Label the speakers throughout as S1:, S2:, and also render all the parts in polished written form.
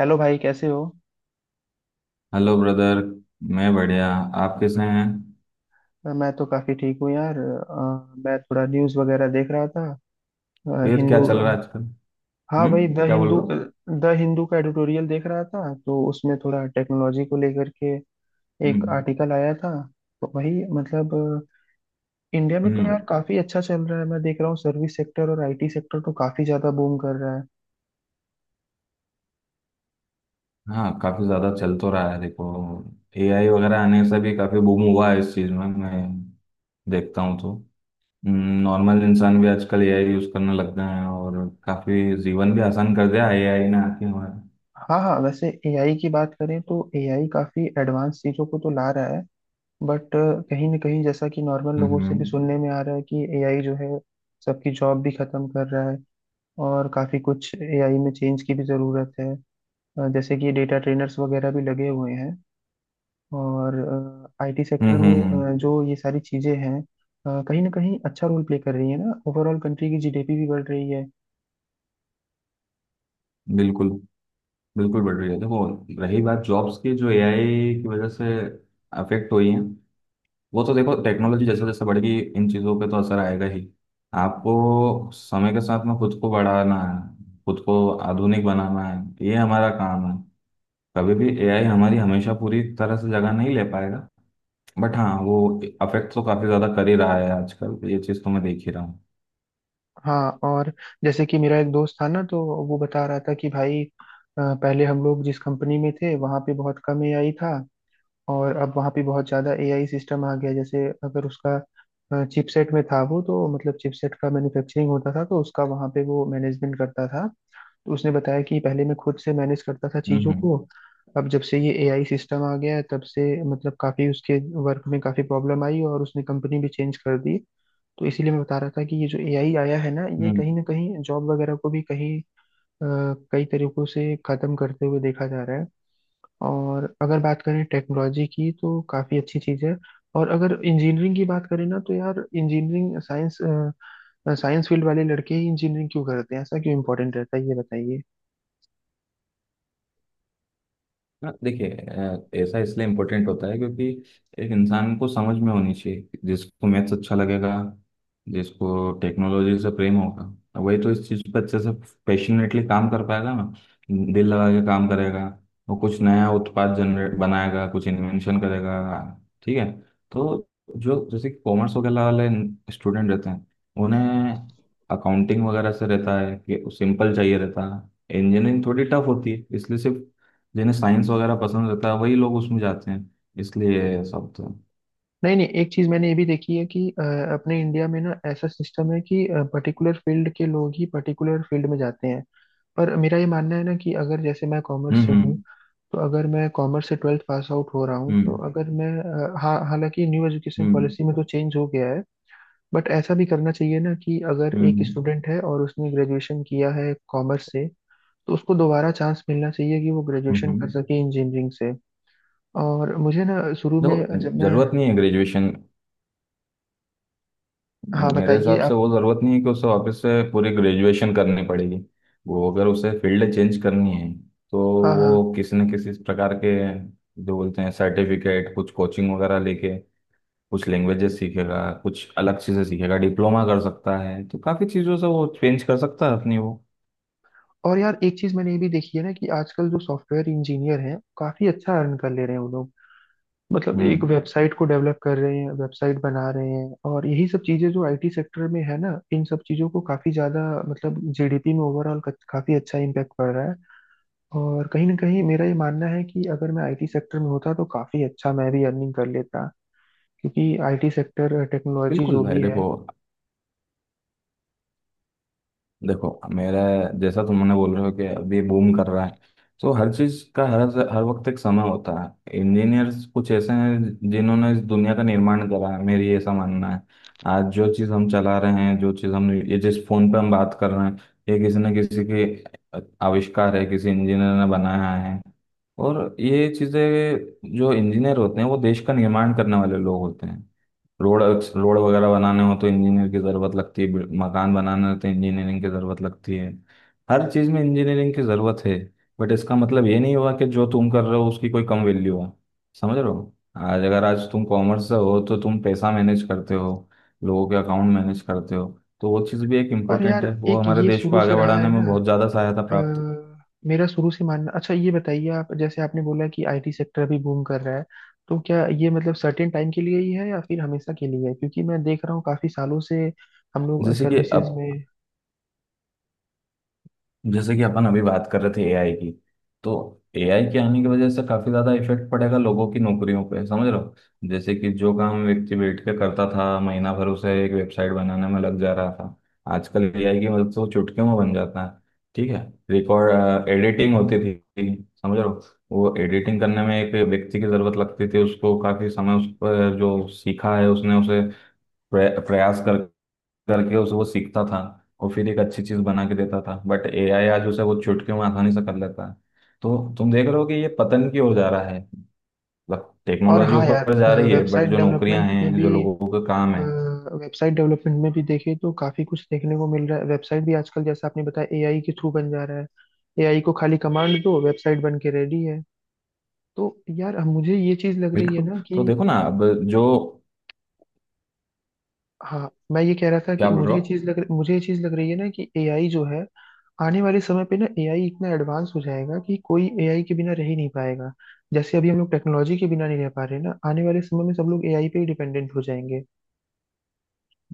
S1: Hello भाई, कैसे हो?
S2: Hello brother. मैं बढ़िया। आप कैसे हैं?
S1: मैं तो काफी ठीक हूँ यार। मैं थोड़ा न्यूज़ वगैरह देख रहा था।
S2: फिर क्या
S1: हिंदू।
S2: चल रहा है आजकल?
S1: हाँ भाई,
S2: हम्म। क्या बोल रहे हो?
S1: द हिंदू का एडिटोरियल देख रहा था, तो उसमें थोड़ा टेक्नोलॉजी को लेकर के एक
S2: हम्म।
S1: आर्टिकल आया था। तो वही मतलब, इंडिया में तो
S2: हम्म।
S1: यार काफी अच्छा चल रहा है। मैं देख रहा हूँ सर्विस सेक्टर और आईटी सेक्टर तो काफी ज्यादा बूम कर रहा है।
S2: हाँ, काफी ज्यादा चल तो रहा है देखो। एआई वगैरह आने से भी काफी बूम हुआ है इस चीज में। मैं देखता हूँ तो नॉर्मल इंसान भी आजकल एआई यूज करने लग गए हैं, और काफी जीवन भी आसान कर दिया एआई ने आके हमारा।
S1: हाँ हाँ, वैसे एआई की बात करें तो एआई काफी एडवांस चीजों को तो ला रहा है। बट कहीं ना कहीं जैसा कि नॉर्मल लोगों
S2: हम्म।
S1: से भी
S2: हम्म।
S1: सुनने में आ रहा है कि एआई जो है सबकी जॉब भी खत्म कर रहा है। और काफी कुछ एआई में चेंज की भी जरूरत है। जैसे कि डेटा ट्रेनर्स वगैरह भी लगे हुए हैं, और आईटी
S2: हम्म।
S1: सेक्टर में जो ये सारी चीजें हैं कहीं ना कहीं अच्छा रोल प्ले कर रही है ना। ओवरऑल कंट्री की जीडीपी भी बढ़ रही है।
S2: बिल्कुल। बिल्कुल बढ़ रही है देखो। रही बात जॉब्स की, जो एआई की वजह से अफेक्ट हुई है, वो तो देखो टेक्नोलॉजी जैसे जैसे बढ़ेगी इन चीज़ों पे तो असर आएगा ही। आपको समय के साथ में खुद को बढ़ाना है, खुद को आधुनिक बनाना है, ये हमारा काम है। कभी भी एआई हमारी हमेशा पूरी तरह से जगह नहीं ले पाएगा। बट हाँ, वो अफेक्ट तो काफ़ी ज़्यादा कर ही रहा है आजकल, ये चीज़ तो मैं देख ही रहा हूँ।
S1: हाँ, और जैसे कि मेरा एक दोस्त था ना, तो वो बता रहा था कि भाई, पहले हम लोग जिस कंपनी में थे वहां पे बहुत कम एआई था। और अब वहाँ पे बहुत ज़्यादा एआई सिस्टम आ गया। जैसे अगर उसका चिपसेट में था वो, तो मतलब चिपसेट का मैन्युफैक्चरिंग होता था तो उसका वहाँ पे वो मैनेजमेंट करता था। तो उसने बताया कि पहले मैं खुद से मैनेज करता था
S2: हम्म।
S1: चीज़ों को,
S2: हम्म।
S1: अब जब से ये एआई सिस्टम आ गया है तब से मतलब काफ़ी उसके वर्क में काफ़ी प्रॉब्लम आई, और उसने कंपनी भी चेंज कर दी। तो इसीलिए मैं बता रहा था कि ये जो एआई आया है ना ये
S2: हम्म।
S1: कहीं ना कहीं जॉब वगैरह को भी कहीं अ, कई तरीकों से खत्म करते हुए देखा जा रहा है। और अगर बात करें टेक्नोलॉजी की, तो काफ़ी अच्छी चीज़ है। और अगर इंजीनियरिंग की बात करें ना, तो यार इंजीनियरिंग साइंस, साइंस फील्ड वाले लड़के ही इंजीनियरिंग क्यों करते हैं, ऐसा क्यों इम्पोर्टेंट रहता है ये बताइए।
S2: हाँ देखिए, ऐसा इसलिए इम्पोर्टेंट होता है क्योंकि एक इंसान को समझ में होनी चाहिए। जिसको मैथ्स अच्छा लगेगा, जिसको टेक्नोलॉजी से प्रेम होगा, वही तो इस चीज़ पर अच्छे से पैशनेटली काम कर पाएगा ना। दिल लगा के काम करेगा, वो कुछ नया उत्पाद जनरेट बनाएगा, कुछ इन्वेंशन करेगा। ठीक है। तो जो जैसे कॉमर्स वगैरह वाले स्टूडेंट रहते हैं, उन्हें अकाउंटिंग वगैरह से रहता है कि सिंपल चाहिए, रहता है इंजीनियरिंग थोड़ी टफ होती है, इसलिए सिर्फ जिन्हें साइंस वगैरह पसंद रहता है वही लोग उसमें जाते हैं, इसलिए सब तो।
S1: नहीं नहीं, एक चीज़ मैंने ये भी देखी है कि अपने इंडिया में ना ऐसा सिस्टम है कि पर्टिकुलर फील्ड के लोग ही पर्टिकुलर फील्ड में जाते हैं। पर मेरा ये मानना है ना, कि अगर जैसे मैं कॉमर्स
S2: हम्म।
S1: से हूँ,
S2: हम्म।
S1: तो अगर मैं कॉमर्स से ट्वेल्थ पास आउट हो रहा हूँ तो
S2: हम्म।
S1: अगर मैं हाँ हालांकि न्यू एजुकेशन
S2: हम्म।
S1: पॉलिसी में तो चेंज हो गया है। बट ऐसा भी करना चाहिए ना कि अगर
S2: हम्म।
S1: एक स्टूडेंट है और उसने ग्रेजुएशन किया है कॉमर्स से, तो उसको दोबारा चांस मिलना चाहिए कि वो ग्रेजुएशन कर
S2: हम्म।
S1: सके इंजीनियरिंग से। और मुझे ना शुरू
S2: देखो,
S1: में जब मैं,
S2: जरूरत नहीं है ग्रेजुएशन।
S1: हाँ
S2: मेरे
S1: बताइए
S2: हिसाब से
S1: आप।
S2: वो जरूरत नहीं है कि उसे वापस से पूरी ग्रेजुएशन करनी पड़ेगी। वो अगर उसे फील्ड चेंज करनी है तो
S1: हाँ हाँ।
S2: वो किसी न किसी प्रकार के, जो बोलते हैं सर्टिफिकेट, कुछ कोचिंग वगैरह लेके कुछ लैंग्वेजेस सीखेगा, कुछ अलग चीजें सीखेगा, डिप्लोमा कर सकता है, तो काफी चीजों से वो चेंज कर सकता है अपनी वो।
S1: और यार एक चीज मैंने ये भी देखी है ना कि आजकल जो सॉफ्टवेयर इंजीनियर हैं काफी अच्छा अर्न कर ले रहे हैं वो लोग। मतलब एक
S2: हम्म।
S1: वेबसाइट को डेवलप कर रहे हैं, वेबसाइट बना रहे हैं, और यही सब चीजें जो आईटी सेक्टर में है ना, इन सब चीजों को काफी ज्यादा मतलब जीडीपी में ओवरऑल काफी अच्छा इम्पैक्ट पड़ रहा है। और कहीं ना कहीं मेरा ये मानना है कि अगर मैं आईटी सेक्टर में होता तो काफी अच्छा मैं भी अर्निंग कर लेता, क्योंकि आईटी सेक्टर टेक्नोलॉजी
S2: बिल्कुल
S1: जो
S2: भाई।
S1: भी है।
S2: देखो देखो, मेरा जैसा तुमने बोल रहे हो कि अभी बूम कर रहा है, तो हर चीज का, हर हर वक्त एक समय होता है। इंजीनियर्स कुछ ऐसे हैं जिन्होंने इस दुनिया का निर्माण करा है, मेरी ऐसा मानना है। आज जो चीज हम चला रहे हैं, जो चीज हम ये जिस फोन पे हम बात कर रहे हैं, ये किसी न किसी के आविष्कार है, किसी इंजीनियर ने बनाया है। और ये चीजें, जो इंजीनियर होते हैं वो देश का निर्माण करने वाले लोग होते हैं। रोड रोड वगैरह बनाने हो तो इंजीनियर की ज़रूरत लगती है, मकान बनाने हो तो इंजीनियरिंग की ज़रूरत लगती है। हर चीज़ में इंजीनियरिंग की ज़रूरत है। बट इसका मतलब ये नहीं हुआ कि जो तुम कर रहे हो उसकी कोई कम वैल्यू हो। समझ रहे हो, आज अगर आज तुम कॉमर्स से हो तो तुम पैसा मैनेज करते हो, लोगों के अकाउंट मैनेज करते हो। तो वो चीज़ भी एक
S1: पर
S2: इम्पोर्टेंट
S1: यार
S2: है, वो
S1: एक
S2: हमारे
S1: ये
S2: देश को
S1: शुरू से
S2: आगे
S1: रहा
S2: बढ़ाने
S1: है ना,
S2: में बहुत ज़्यादा सहायता
S1: अ,
S2: प्राप्त है।
S1: मेरा शुरू से मानना, अच्छा ये बताइए आप, जैसे आपने बोला कि आईटी सेक्टर अभी बूम कर रहा है, तो क्या ये मतलब सर्टेन टाइम के लिए ही है या फिर हमेशा के लिए है? क्योंकि मैं देख रहा हूँ काफी सालों से हम लोग
S2: जैसे कि
S1: सर्विसेज
S2: अब
S1: में।
S2: जैसे कि अपन अभी बात कर रहे थे एआई की। तो एआई के आने की वजह से काफी ज्यादा इफेक्ट पड़ेगा लोगों की नौकरियों पे, समझ रहे हो। जैसे कि जो काम व्यक्ति बैठ के करता था, महीना भर उसे एक वेबसाइट बनाने में लग जा रहा था, आजकल एआई की मदद से वो चुटकियों में बन जाता है। ठीक है। रिकॉर्ड एडिटिंग होती थी, समझ रहे हो, वो एडिटिंग करने में एक व्यक्ति की जरूरत लगती थी, उसको काफी समय उस पर जो सीखा है उसने, उसे प्रयास कर करके उसे वो सीखता था। और फिर एक अच्छी चीज बना के देता था, बट एआई आज उसे वो चुटकी में आसानी से कर लेता है। तो तुम देख रहे हो कि ये पतन की ओर जा रहा है। मतलब
S1: और
S2: टेक्नोलॉजी
S1: हाँ यार,
S2: ऊपर जा रही है, बट
S1: वेबसाइट
S2: जो नौकरियां
S1: डेवलपमेंट में
S2: हैं
S1: भी
S2: जो लोगों के काम है।
S1: वेबसाइट डेवलपमेंट में भी देखें तो काफी कुछ देखने को मिल रहा है। वेबसाइट भी आजकल जैसा आपने बताया एआई के थ्रू बन जा रहा है। एआई को खाली कमांड दो, वेबसाइट बन के रेडी है। तो यार अब मुझे ये चीज लग रही है
S2: बिल्कुल।
S1: ना
S2: तो
S1: कि,
S2: देखो ना, अब जो
S1: हाँ मैं ये कह रहा था कि
S2: क्या बोल रहे हो?
S1: मुझे ये चीज लग रही है ना कि एआई जो है, आने वाले समय पे ना एआई इतना एडवांस हो जाएगा कि कोई एआई के बिना रह ही नहीं पाएगा। जैसे अभी हम लोग टेक्नोलॉजी के बिना नहीं रह पा रहे ना, आने वाले समय में सब लोग एआई पे ही डिपेंडेंट हो जाएंगे।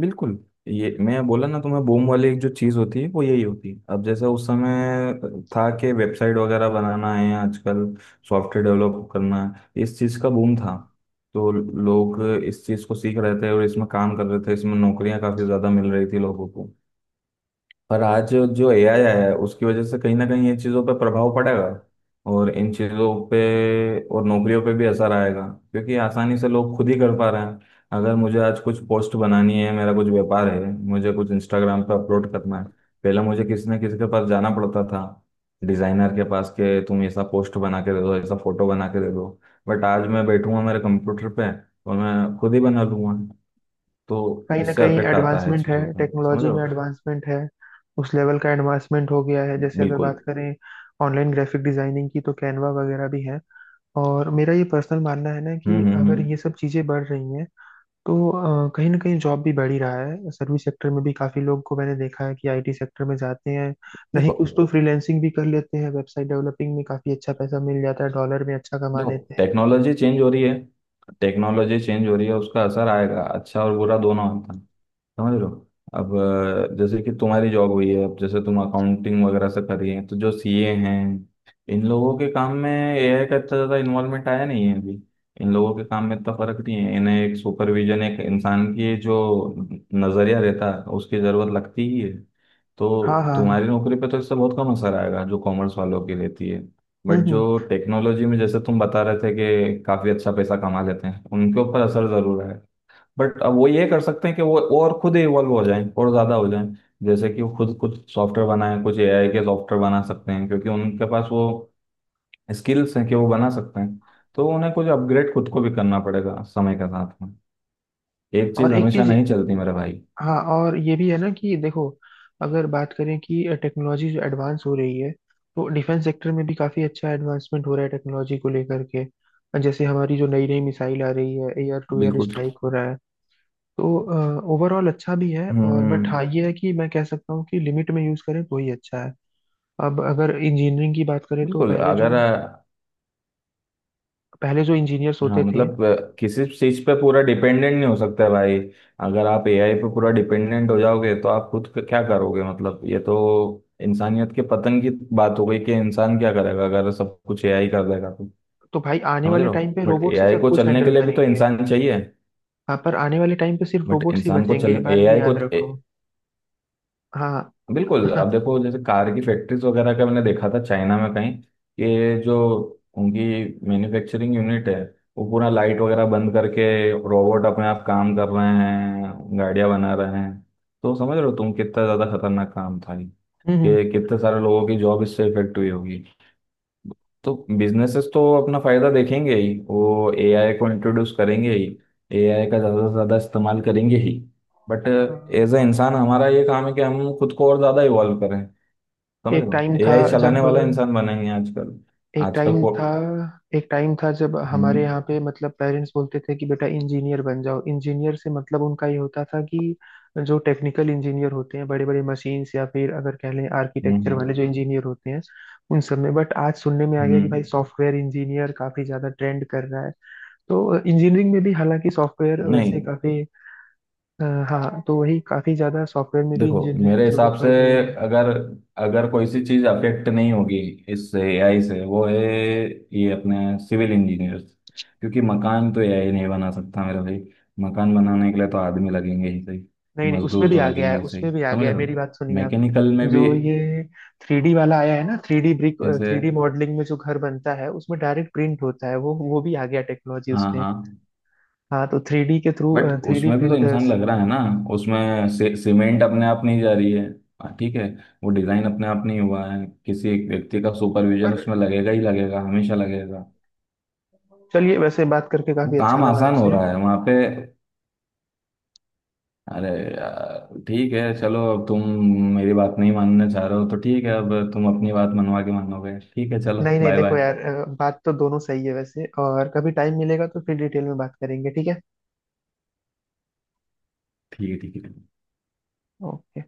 S2: बिल्कुल। ये मैं बोला ना तुम्हें, बूम वाली एक जो चीज होती है वो यही होती है। अब जैसे उस समय था कि वेबसाइट वगैरह बनाना है, आजकल सॉफ्टवेयर डेवलप करना है, इस चीज का बूम था। तो लोग इस चीज को सीख रहे थे और इसमें काम कर रहे थे, इसमें नौकरियां काफी ज्यादा मिल रही थी लोगों को। पर आज जो एआई आया है, उसकी वजह से कहीं ना कहीं इन चीज़ों पर प्रभाव पड़ेगा, और इन चीज़ों पे और नौकरियों पे भी असर आएगा, क्योंकि आसानी से लोग खुद ही कर पा रहे हैं। अगर मुझे आज कुछ पोस्ट बनानी है, मेरा कुछ व्यापार है, मुझे कुछ इंस्टाग्राम पे अपलोड करना है, पहले मुझे किसी न किसी के पास जाना पड़ता था, डिज़ाइनर के पास के तुम ऐसा पोस्ट बना के दे दो, ऐसा फोटो बना के दे दो। बट आज मैं बैठूंगा मेरे कंप्यूटर पे और मैं खुद ही बना लूंगा। तो
S1: कहीं ना
S2: इससे
S1: कहीं
S2: अफेक्ट आता है
S1: एडवांसमेंट है,
S2: चीज़ों पर, समझ
S1: टेक्नोलॉजी
S2: रहे
S1: में
S2: हो।
S1: एडवांसमेंट है। उस लेवल का एडवांसमेंट हो गया है, जैसे अगर
S2: बिल्कुल।
S1: बात करें ऑनलाइन ग्राफिक डिजाइनिंग की, तो कैनवा वगैरह भी है। और मेरा ये पर्सनल मानना है ना
S2: हम्म।
S1: कि
S2: हम्म।
S1: अगर
S2: हम्म।
S1: ये सब चीज़ें बढ़ रही हैं, तो कहीं ना कहीं जॉब भी बढ़ ही रहा है। सर्विस सेक्टर में भी काफ़ी लोग को मैंने देखा है कि आईटी सेक्टर में जाते हैं, नहीं
S2: देखो
S1: कुछ तो फ्रीलैंसिंग भी कर लेते हैं, वेबसाइट डेवलपिंग में काफ़ी अच्छा पैसा मिल जाता है, डॉलर में अच्छा कमा
S2: देखो,
S1: लेते हैं।
S2: टेक्नोलॉजी चेंज हो रही है। टेक्नोलॉजी चेंज हो रही है, उसका असर आएगा, अच्छा और बुरा दोनों आता है, समझ रहे हो। अब जैसे कि तुम्हारी जॉब हुई है, अब जैसे तुम अकाउंटिंग वगैरह से कर रही हैं, तो जो सीए हैं, इन लोगों के काम में एआई का इतना ज़्यादा इन्वॉल्वमेंट आया नहीं है अभी। इन लोगों के काम में इतना फर्क नहीं है, इन्हें एक सुपरविजन, एक इंसान की जो नज़रिया रहता है उसकी ज़रूरत लगती ही है।
S1: हाँ
S2: तो
S1: हाँ।
S2: तुम्हारी नौकरी पे तो इससे बहुत कम असर आएगा, जो कॉमर्स वालों की रहती है। बट जो
S1: हम्म।
S2: टेक्नोलॉजी में, जैसे तुम बता रहे थे कि काफ़ी अच्छा पैसा कमा लेते हैं, उनके ऊपर असर ज़रूर है। बट अब वो ये कर सकते हैं कि वो और खुद इवॉल्व हो जाएं, और ज्यादा हो जाएं। जैसे कि वो खुद कुछ सॉफ्टवेयर बनाएं, कुछ एआई के सॉफ्टवेयर बना सकते हैं, क्योंकि उनके पास वो स्किल्स हैं कि वो बना सकते हैं। तो उन्हें कुछ अपग्रेड खुद को भी करना पड़ेगा समय के साथ में। एक चीज
S1: और एक
S2: हमेशा
S1: चीज,
S2: नहीं चलती मेरे भाई।
S1: हाँ और ये भी है ना कि देखो, अगर बात करें कि टेक्नोलॉजी जो एडवांस हो रही है, तो डिफेंस सेक्टर में भी काफ़ी अच्छा एडवांसमेंट हो रहा है टेक्नोलॉजी को लेकर के। जैसे हमारी जो नई नई मिसाइल आ रही है, एयर टू एयर
S2: बिल्कुल।
S1: स्ट्राइक हो रहा है। तो ओवरऑल अच्छा भी है, और बट
S2: हम्म।
S1: हाँ ये है कि मैं कह सकता हूँ कि लिमिट में यूज़ करें तो ही अच्छा है। अब अगर इंजीनियरिंग की बात करें, तो
S2: बिल्कुल। अगर
S1: पहले जो इंजीनियर्स
S2: हाँ
S1: होते थे,
S2: मतलब, किसी चीज पे पूरा डिपेंडेंट नहीं हो सकता है भाई। अगर आप एआई पे पूरा डिपेंडेंट हो जाओगे, तो आप खुद क्या करोगे? मतलब ये तो इंसानियत के पतन की बात हो गई, कि इंसान क्या करेगा अगर सब कुछ एआई कर देगा तो।
S1: तो भाई आने
S2: समझ
S1: वाले
S2: रहे हो,
S1: टाइम पे
S2: बट
S1: रोबोट्स ही
S2: एआई
S1: सब
S2: को
S1: कुछ
S2: चलने के
S1: हैंडल
S2: लिए भी तो
S1: करेंगे।
S2: इंसान चाहिए।
S1: हाँ, पर आने वाले टाइम पे सिर्फ
S2: बट
S1: रोबोट्स ही
S2: इंसान को
S1: बचेंगे
S2: चल
S1: ये बात भी
S2: एआई को।
S1: याद रखो। हाँ।
S2: बिल्कुल। अब देखो, जैसे कार की फैक्ट्रीज वगैरह का मैंने देखा था चाइना में कहीं, कि जो उनकी मैन्युफैक्चरिंग यूनिट है, वो पूरा लाइट वगैरह बंद करके रोबोट अपने आप काम कर रहे हैं, गाड़ियां बना रहे हैं। तो समझ रहे हो तुम, कितना ज्यादा खतरनाक काम था
S1: हम्म।
S2: ये, कि कितने सारे लोगों की जॉब इससे इफेक्ट हुई होगी। तो बिजनेसेस तो अपना फायदा देखेंगे ही, वो एआई को इंट्रोड्यूस करेंगे ही, एआई का ज्यादा से ज्यादा इस्तेमाल करेंगे ही। बट
S1: अ,
S2: एज अ इंसान हमारा ये काम है कि हम खुद को और ज्यादा इवॉल्व करें। समझ
S1: एक
S2: लो,
S1: टाइम था
S2: एआई
S1: जब
S2: चलाने वाला इंसान बनेंगे आजकल।
S1: एक
S2: आजकल
S1: टाइम
S2: को।
S1: था एक टाइम था जब हमारे
S2: हम्म।
S1: यहाँ पे मतलब पेरेंट्स बोलते थे कि बेटा इंजीनियर बन जाओ। इंजीनियर से मतलब उनका ये होता था कि जो टेक्निकल इंजीनियर होते हैं, बड़े बड़े मशीन्स, या फिर अगर कह लें
S2: हम्म।
S1: आर्किटेक्चर वाले
S2: हम्म।
S1: जो इंजीनियर होते हैं उन सब में। बट आज सुनने में आ गया कि भाई
S2: हम्म।
S1: सॉफ्टवेयर इंजीनियर काफी ज्यादा ट्रेंड कर रहा है। तो इंजीनियरिंग में भी हालांकि सॉफ्टवेयर वैसे
S2: नहीं,
S1: काफी, अ, हाँ तो वही, काफी ज्यादा सॉफ्टवेयर में भी
S2: देखो
S1: इंजीनियरिंग
S2: मेरे
S1: की जरूरत
S2: हिसाब से,
S1: पड़ रही है।
S2: अगर अगर कोई सी चीज अफेक्ट नहीं होगी इससे, एआई से, वो है ये अपने सिविल इंजीनियर्स। क्योंकि मकान तो एआई नहीं बना सकता मेरा भाई, मकान बनाने के लिए तो आदमी लगेंगे ही सही।
S1: नहीं नहीं, उसमें
S2: मजदूर
S1: भी
S2: तो
S1: आ गया
S2: लगेंगे
S1: है,
S2: ही सही,
S1: उसमें भी आ
S2: समझ
S1: गया है,
S2: रहे हो।
S1: मेरी बात सुनिए आप।
S2: मैकेनिकल में भी
S1: जो ये थ्री डी वाला आया है ना, थ्री डी ब्रिक,
S2: जैसे।
S1: थ्री डी मॉडलिंग में जो घर बनता है उसमें डायरेक्ट प्रिंट होता है, वो भी आ गया टेक्नोलॉजी
S2: हाँ,
S1: उसमें।
S2: हाँ।
S1: हाँ, तो थ्री डी के थ्रू
S2: बट
S1: थ्री डी
S2: उसमें भी तो इंसान
S1: प्रिंटर्स।
S2: लग रहा है ना, उसमें से सीमेंट अपने आप नहीं जा रही है। हाँ, ठीक है। वो डिजाइन अपने आप नहीं हुआ है, किसी एक व्यक्ति का सुपरविजन उसमें
S1: पर
S2: लगेगा ही लगेगा, हमेशा लगेगा।
S1: चलिए, वैसे बात करके
S2: वो
S1: काफी अच्छा
S2: काम
S1: लगा
S2: आसान हो
S1: आपसे।
S2: रहा है वहां पे। अरे यार ठीक है, चलो अब तुम मेरी बात नहीं मानना चाह रहे हो तो ठीक है, अब तुम अपनी बात मनवा के मानोगे, ठीक है, चलो
S1: नहीं नहीं
S2: बाय बाय।
S1: देखो यार, बात तो दोनों सही है वैसे, और कभी टाइम मिलेगा तो फिर डिटेल में बात करेंगे, ठीक है।
S2: ठीक है, ठीक है।
S1: ओके।